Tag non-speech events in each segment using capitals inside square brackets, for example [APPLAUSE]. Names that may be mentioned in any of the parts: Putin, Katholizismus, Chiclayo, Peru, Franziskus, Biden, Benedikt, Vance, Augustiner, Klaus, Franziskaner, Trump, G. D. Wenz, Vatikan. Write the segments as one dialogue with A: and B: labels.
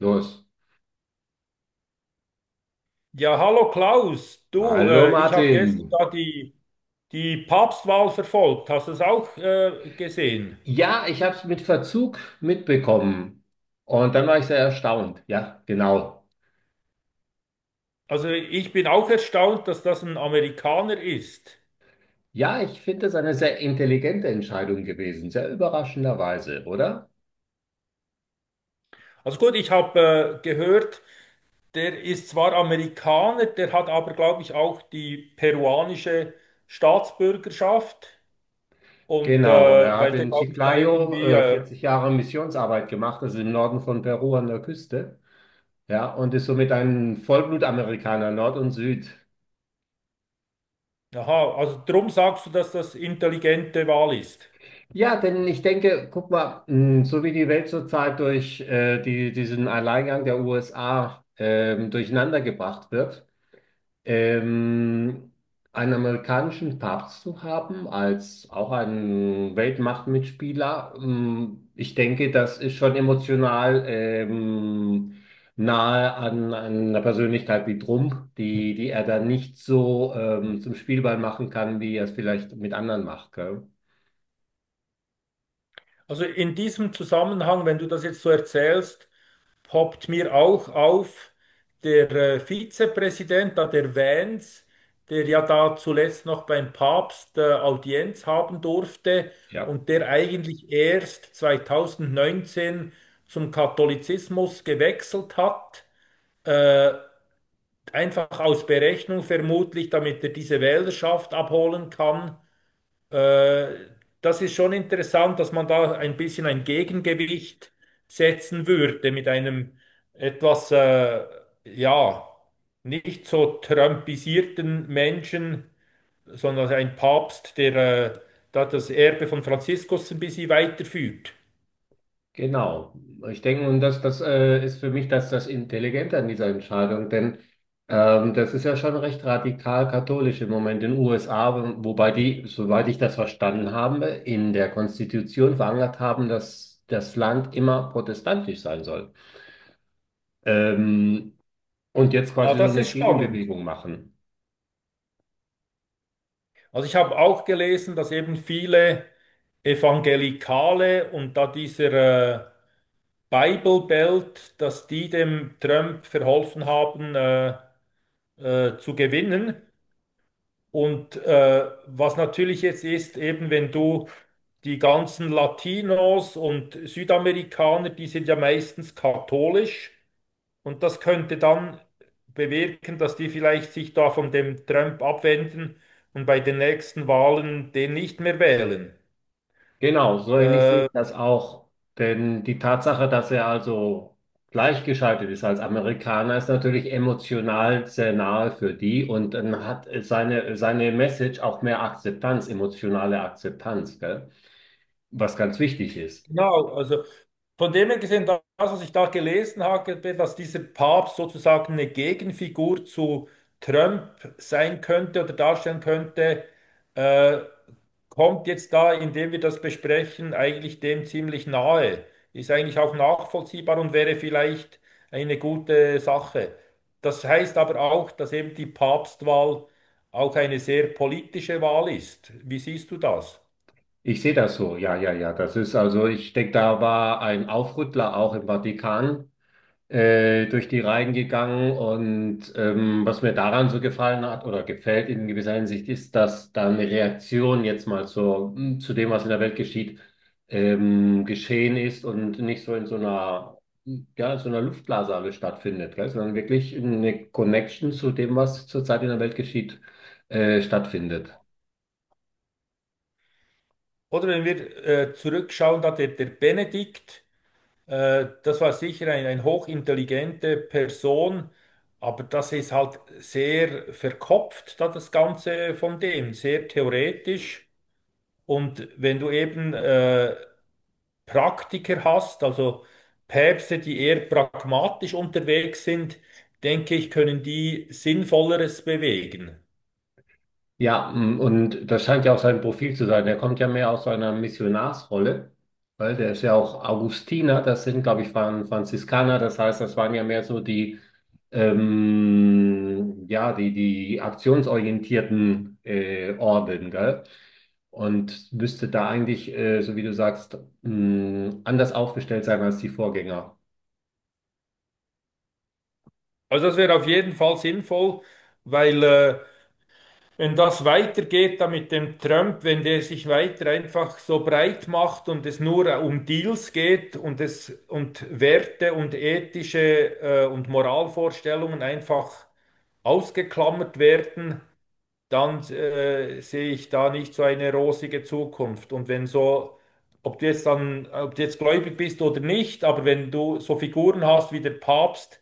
A: Los.
B: Ja, hallo Klaus, du,
A: Hallo
B: ich habe gestern
A: Martin.
B: da die Papstwahl verfolgt. Hast du es auch gesehen?
A: Ja, ich habe es mit Verzug mitbekommen. Und dann war ich sehr erstaunt. Ja, genau.
B: Also ich bin auch erstaunt, dass das ein Amerikaner ist.
A: Ja, ich finde es eine sehr intelligente Entscheidung gewesen. Sehr überraschenderweise, oder?
B: Also gut, ich habe gehört, der ist zwar Amerikaner, der hat aber, glaube ich, auch die peruanische Staatsbürgerschaft. Und
A: Genau. Er hat
B: weil der,
A: in
B: glaube ich, da
A: Chiclayo
B: irgendwie,
A: 40 Jahre Missionsarbeit gemacht. Das ist im Norden von Peru an der Küste. Ja, und ist somit ein Vollblutamerikaner, Nord und Süd.
B: aha, also drum sagst du, dass das intelligente Wahl ist.
A: Ja, denn ich denke, guck mal, mh, so wie die Welt zurzeit durch diesen Alleingang der USA durcheinander gebracht wird, ähm, einen amerikanischen Papst zu haben als auch einen Weltmachtmitspieler, mh, ich denke, das ist schon emotional nahe an einer Persönlichkeit wie Trump, die er dann nicht so zum Spielball machen kann, wie er es vielleicht mit anderen macht, gell?
B: Also in diesem Zusammenhang, wenn du das jetzt so erzählst, poppt mir auch auf der Vizepräsident da der Vance, der ja da zuletzt noch beim Papst Audienz haben durfte
A: Ja.
B: und der eigentlich erst 2019 zum Katholizismus gewechselt hat, äh, einfach aus Berechnung vermutlich, damit er diese Wählerschaft abholen kann. Äh, Das ist schon interessant, dass man da ein bisschen ein Gegengewicht setzen würde mit einem etwas, ja, nicht so trumpisierten Menschen, sondern ein Papst, der äh, da das Erbe von Franziskus ein bisschen weiterführt.
A: Genau. Ich denke, und das ist für mich das Intelligente an dieser Entscheidung, denn das ist ja schon recht radikal katholisch im Moment in den USA, wobei die, soweit ich das verstanden habe, in der Konstitution verankert haben, dass das Land immer protestantisch sein soll. Ähm, und jetzt
B: Ah,
A: quasi so
B: das
A: eine
B: ist spannend.
A: Gegenbewegung machen.
B: Also ich habe auch gelesen, dass eben viele Evangelikale und da dieser Bible Belt, dass die dem Trump verholfen haben zu gewinnen. Und was natürlich jetzt ist, eben wenn du die ganzen Latinos und Südamerikaner, die sind ja meistens katholisch und das könnte dann bewirken, dass die vielleicht sich da von dem Trump abwenden und bei den nächsten Wahlen den nicht mehr wählen.
A: Genau, so ähnlich sehe
B: Äh,
A: ich das auch. Denn die Tatsache, dass er also gleichgeschaltet ist als Amerikaner, ist natürlich emotional sehr nahe für die und dann hat seine Message auch mehr Akzeptanz, emotionale Akzeptanz, gell? Was ganz wichtig ist.
B: Genau, also von dem her gesehen, das, was ich da gelesen habe, dass dieser Papst sozusagen eine Gegenfigur zu Trump sein könnte oder darstellen könnte, äh, kommt jetzt da, indem wir das besprechen, eigentlich dem ziemlich nahe. Ist eigentlich auch nachvollziehbar und wäre vielleicht eine gute Sache. Das heißt aber auch, dass eben die Papstwahl auch eine sehr politische Wahl ist. Wie siehst du das?
A: Ich sehe das so, ja, ja, ja. Das ist also, ich denke, da war ein Aufrüttler auch im Vatikan durch die Reihen gegangen. Und was mir daran so gefallen hat oder gefällt in gewisser Hinsicht, ist, dass da eine Reaktion jetzt mal zu dem, was in der Welt geschieht, geschehen ist und nicht so in so einer, hm, ja, in so einer Luftblase alles stattfindet, gell? Sondern wirklich eine Connection zu dem, was zurzeit in der Welt geschieht, stattfindet.
B: Oder wenn wir zurückschauen, da der Benedikt, das war sicher ein hochintelligente Person, aber das ist halt sehr verkopft, da das Ganze von dem, sehr theoretisch. Und wenn du eben Praktiker hast, also Päpste, die eher pragmatisch unterwegs sind, denke ich, können die Sinnvolleres bewegen.
A: Ja, m, und das scheint ja auch sein Profil zu sein. Der kommt ja mehr aus so einer Missionarsrolle, weil der ist ja auch Augustiner, das sind, glaube ich, waren Franziskaner, das heißt, das waren ja mehr so die, ja, die aktionsorientierten Orden, gell? Und müsste da eigentlich, so wie du sagst, m, anders aufgestellt sein als die Vorgänger.
B: Also das wäre auf jeden Fall sinnvoll, weil wenn das weitergeht, da mit dem Trump, wenn der sich weiter einfach so breit macht und es nur um Deals geht und es und Werte und ethische und Moralvorstellungen einfach ausgeklammert werden, dann sehe ich da nicht so eine rosige Zukunft. Und wenn so, ob du jetzt dann, ob du jetzt gläubig bist oder nicht, aber wenn du so Figuren hast wie der Papst,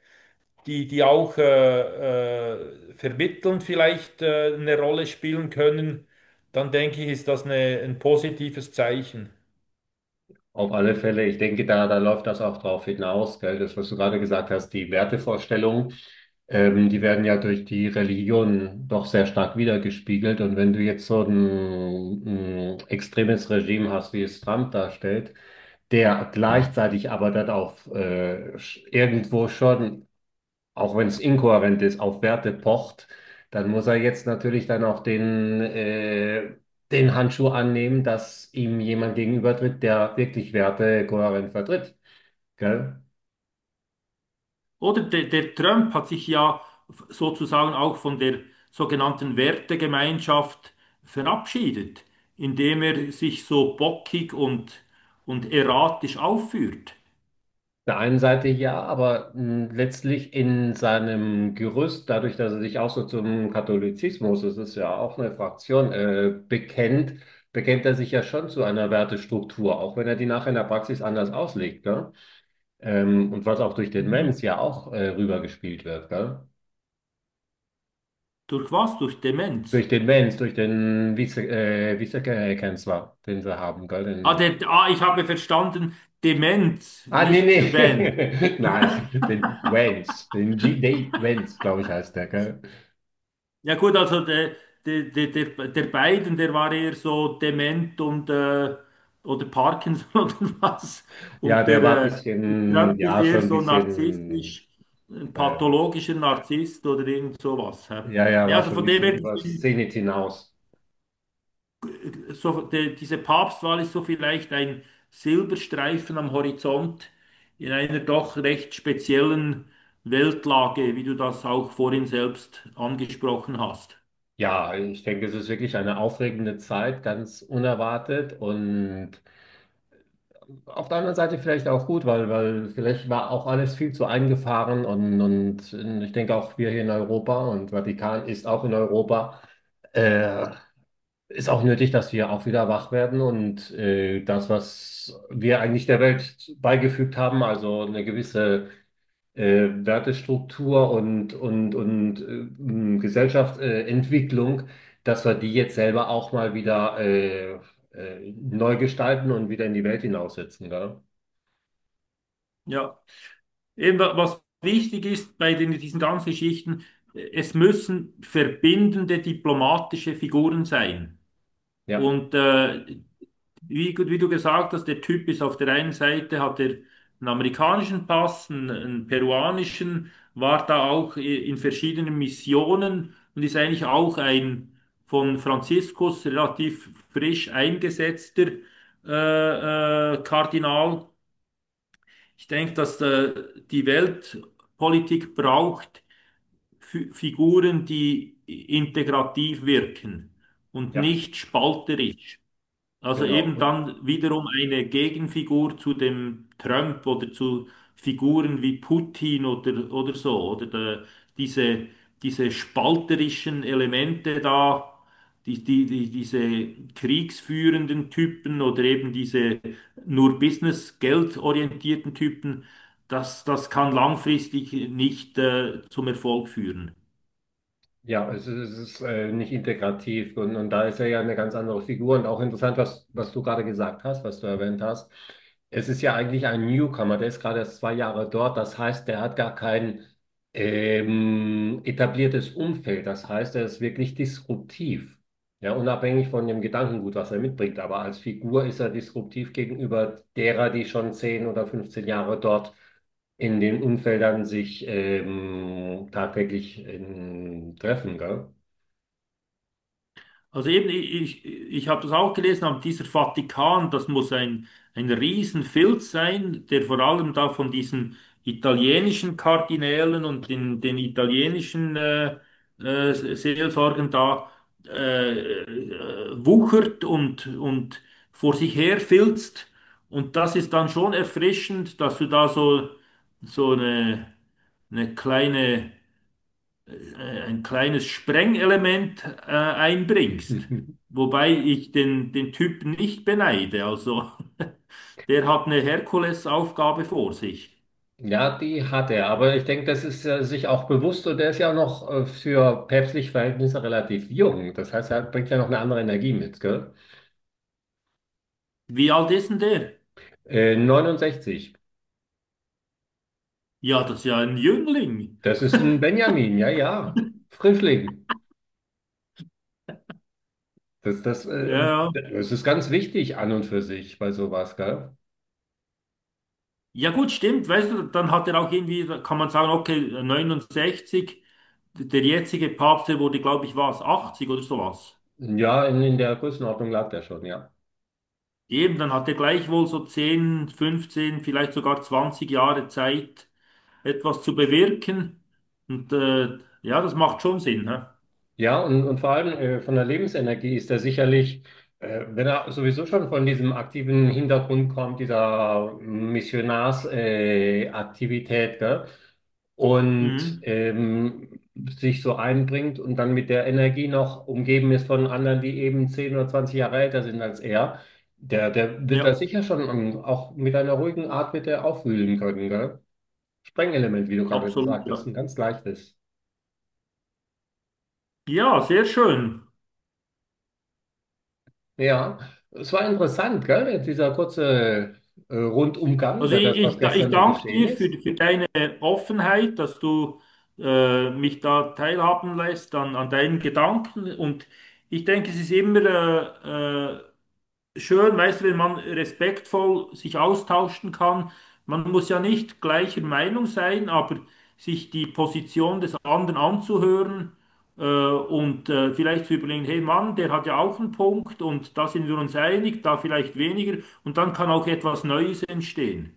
B: die auch vermittelnd vielleicht eine Rolle spielen können, dann denke ich, ist das eine, ein positives Zeichen.
A: Auf alle Fälle, ich denke, da läuft das auch drauf hinaus, gell? Das, was du gerade gesagt hast, die Wertevorstellungen, die werden ja durch die Religion doch sehr stark wiedergespiegelt. Und wenn du jetzt so ein extremes Regime hast, wie es Trump darstellt, der gleichzeitig aber dann auch irgendwo schon auch wenn es inkohärent ist, auf Werte pocht, dann muss er jetzt natürlich dann auch den Handschuh annehmen, dass ihm jemand gegenübertritt, der wirklich Werte kohärent vertritt. Gell?
B: Oder der Trump hat sich ja sozusagen auch von der sogenannten Wertegemeinschaft verabschiedet, indem er sich so bockig und erratisch aufführt.
A: Auf der einen Seite ja, aber mh, letztlich in seinem Gerüst, dadurch, dass er sich auch so zum Katholizismus, das ist ja auch eine Fraktion, bekennt, bekennt er sich ja schon zu einer Wertestruktur, auch wenn er die nachher in der Praxis anders auslegt. Ne? Und was auch durch den Mens ja auch rübergespielt wird, gell?
B: Durch was? Durch Demenz.
A: Durch den Mens, durch den Vize, Vizekanzler, den sie haben, gell?
B: Ah,
A: Den,
B: der, ah, ich habe verstanden, Demenz,
A: ah, nee,
B: nicht wenn
A: nee. [LAUGHS] Nein, den Wenz, den G. D. Wenz, glaube ich, heißt der, gell?
B: ja gut, also der Biden, der war eher so dement und oder Parkinson [LAUGHS] oder was.
A: Ja,
B: Und
A: der
B: der,
A: war ein
B: der
A: bisschen,
B: Trump ist
A: ja,
B: eher
A: schon ein
B: so
A: bisschen,
B: narzisstisch, ein
A: äh,
B: pathologischer Narzisst oder irgend sowas. Hä?
A: ja, ja,
B: Ja,
A: war
B: also
A: schon ein
B: von dem her,
A: bisschen über das
B: gesehen,
A: Zenit hinaus.
B: so, de, diese Papstwahl ist so vielleicht ein Silberstreifen am Horizont in einer doch recht speziellen Weltlage, wie du das auch vorhin selbst angesprochen hast.
A: Ja, ich denke, es ist wirklich eine aufregende Zeit, ganz unerwartet und auf der anderen Seite vielleicht auch gut, weil vielleicht war auch alles viel zu eingefahren und ich denke auch wir hier in Europa und Vatikan ist auch in Europa, äh, ist auch nötig, dass wir auch wieder wach werden und das, was wir eigentlich der Welt beigefügt haben, also eine gewisse Wertestruktur und Gesellschaftsentwicklung, dass wir die jetzt selber auch mal wieder neu gestalten und wieder in die Welt hinaussetzen, gell?
B: Ja. Eben, was wichtig ist bei diesen ganzen Geschichten, es müssen verbindende diplomatische Figuren sein.
A: Ja.
B: Und wie, wie du gesagt hast, der Typ ist auf der einen Seite, hat er einen amerikanischen Pass, einen peruanischen, war da auch in verschiedenen Missionen und ist eigentlich auch ein von Franziskus relativ frisch eingesetzter Kardinal. Ich denke, dass die Weltpolitik braucht Figuren, die integrativ wirken und
A: Ja,
B: nicht spalterisch. Also
A: genau.
B: eben
A: Und
B: dann wiederum eine Gegenfigur zu dem Trump oder zu Figuren wie Putin oder so, oder der, diese, diese spalterischen Elemente da, diese kriegsführenden Typen oder eben diese nur Business, geldorientierten Typen, das kann langfristig nicht zum Erfolg führen.
A: ja, es ist nicht integrativ und da ist er ja eine ganz andere Figur und auch interessant, was du gerade gesagt hast, was du erwähnt hast. Es ist ja eigentlich ein Newcomer, der ist gerade erst zwei Jahre dort. Das heißt, der hat gar kein etabliertes Umfeld. Das heißt, er ist wirklich disruptiv. Ja, unabhängig von dem Gedankengut, was er mitbringt. Aber als Figur ist er disruptiv gegenüber derer, die schon 10 oder 15 Jahre dort in den Umfeldern sich tagtäglich treffen, gell?
B: Also eben, ich habe das auch gelesen, aber dieser Vatikan, das muss ein Riesenfilz sein, der vor allem da von diesen italienischen Kardinälen und den italienischen Seelsorgern da wuchert und vor sich her filzt. Und das ist dann schon erfrischend, dass du da so, so eine kleine ein kleines Sprengelement einbringst.
A: [LAUGHS]
B: Wobei ich den Typ nicht beneide. Also, [LAUGHS] der hat eine Herkulesaufgabe vor sich.
A: Ja, die hat er, aber ich denke, das ist er sich auch bewusst und der ist ja auch noch für päpstliche Verhältnisse relativ jung. Das heißt, er bringt ja noch eine andere Energie mit, gell?
B: Wie alt ist denn der?
A: 69.
B: Ja, das ist ja ein Jüngling.
A: Das ist ein Benjamin, ja, ja. Frischling.
B: Ja, ja.
A: Das ist ganz wichtig an und für sich bei sowas, gell?
B: Ja gut, stimmt, weißt du, dann hat er auch irgendwie, da kann man sagen, okay, 69, der jetzige Papst, der wurde, glaube ich, was, 80 oder sowas.
A: Ja, in der Größenordnung lag der schon, ja.
B: Eben, dann hat er gleichwohl so 10, 15, vielleicht sogar 20 Jahre Zeit, etwas zu bewirken. Und ja, das macht schon Sinn. Hä?
A: Ja, und vor allem von der Lebensenergie ist er sicherlich, wenn er sowieso schon von diesem aktiven Hintergrund kommt, dieser Missionarsaktivität, Aktivität, gell? und
B: Mhm.
A: ähm, sich so einbringt und dann mit der Energie noch umgeben ist von anderen, die eben 10 oder 20 Jahre älter sind als er, der wird da
B: Ja,
A: sicher schon auch mit einer ruhigen Art wird er aufwühlen können, gell? Sprengelement, wie du gerade
B: absolut.
A: gesagt hast,
B: Ja,
A: ein ganz leichtes.
B: ja sehr schön.
A: Ja, es war interessant, gell? Jetzt dieser kurze Rundumgang
B: Also
A: über
B: ich,
A: das, was
B: ich, da- ich
A: gestern so
B: danke
A: geschehen
B: dir
A: ist.
B: für deine Offenheit, dass du mich da teilhaben lässt an, an deinen Gedanken. Und ich denke, es ist immer äh, äh, schön, weißt du, wenn man respektvoll sich austauschen kann. Man muss ja nicht gleicher Meinung sein, aber sich die Position des anderen anzuhören und vielleicht zu überlegen, hey Mann, der hat ja auch einen Punkt und da sind wir uns einig, da vielleicht weniger und dann kann auch etwas Neues entstehen.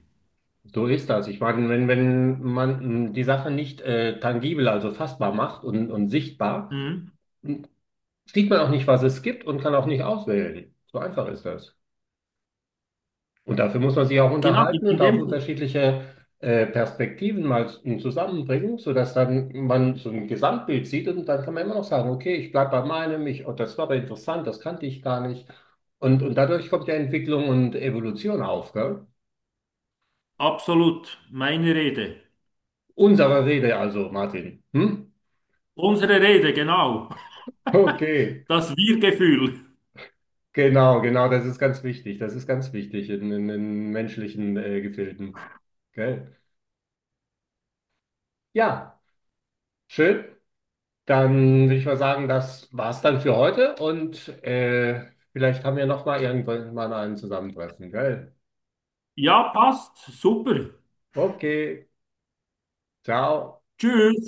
A: So ist das. Ich meine, wenn man mh, die Sache nicht tangibel, also fassbar macht und sichtbar,
B: Mhm.
A: mh, sieht man auch nicht, was es gibt und kann auch nicht auswählen. So einfach ist das. Und dafür muss man sich auch
B: Genau, in
A: unterhalten
B: in
A: und auch
B: dem
A: unterschiedliche Perspektiven mal zusammenbringen, sodass dann man so ein Gesamtbild sieht und dann kann man immer noch sagen, okay, ich bleibe bei meinem, ich, oh, das war aber interessant, das kannte ich gar nicht. Und dadurch kommt ja Entwicklung und Evolution auf, gell?
B: absolut meine Rede.
A: Unsere Rede also, Martin. Hm?
B: Unsere Rede, genau. [LAUGHS]
A: Okay,
B: Das Wir-Gefühl.
A: genau, genau, das ist ganz wichtig. Das ist ganz wichtig in menschlichen Gefilden. Gell? Ja, schön. Dann würde ich mal sagen, das war's dann für heute und vielleicht haben wir noch mal irgendwann mal ein Zusammentreffen, gell?
B: Ja, passt. Super.
A: Okay, ciao.
B: Tschüss.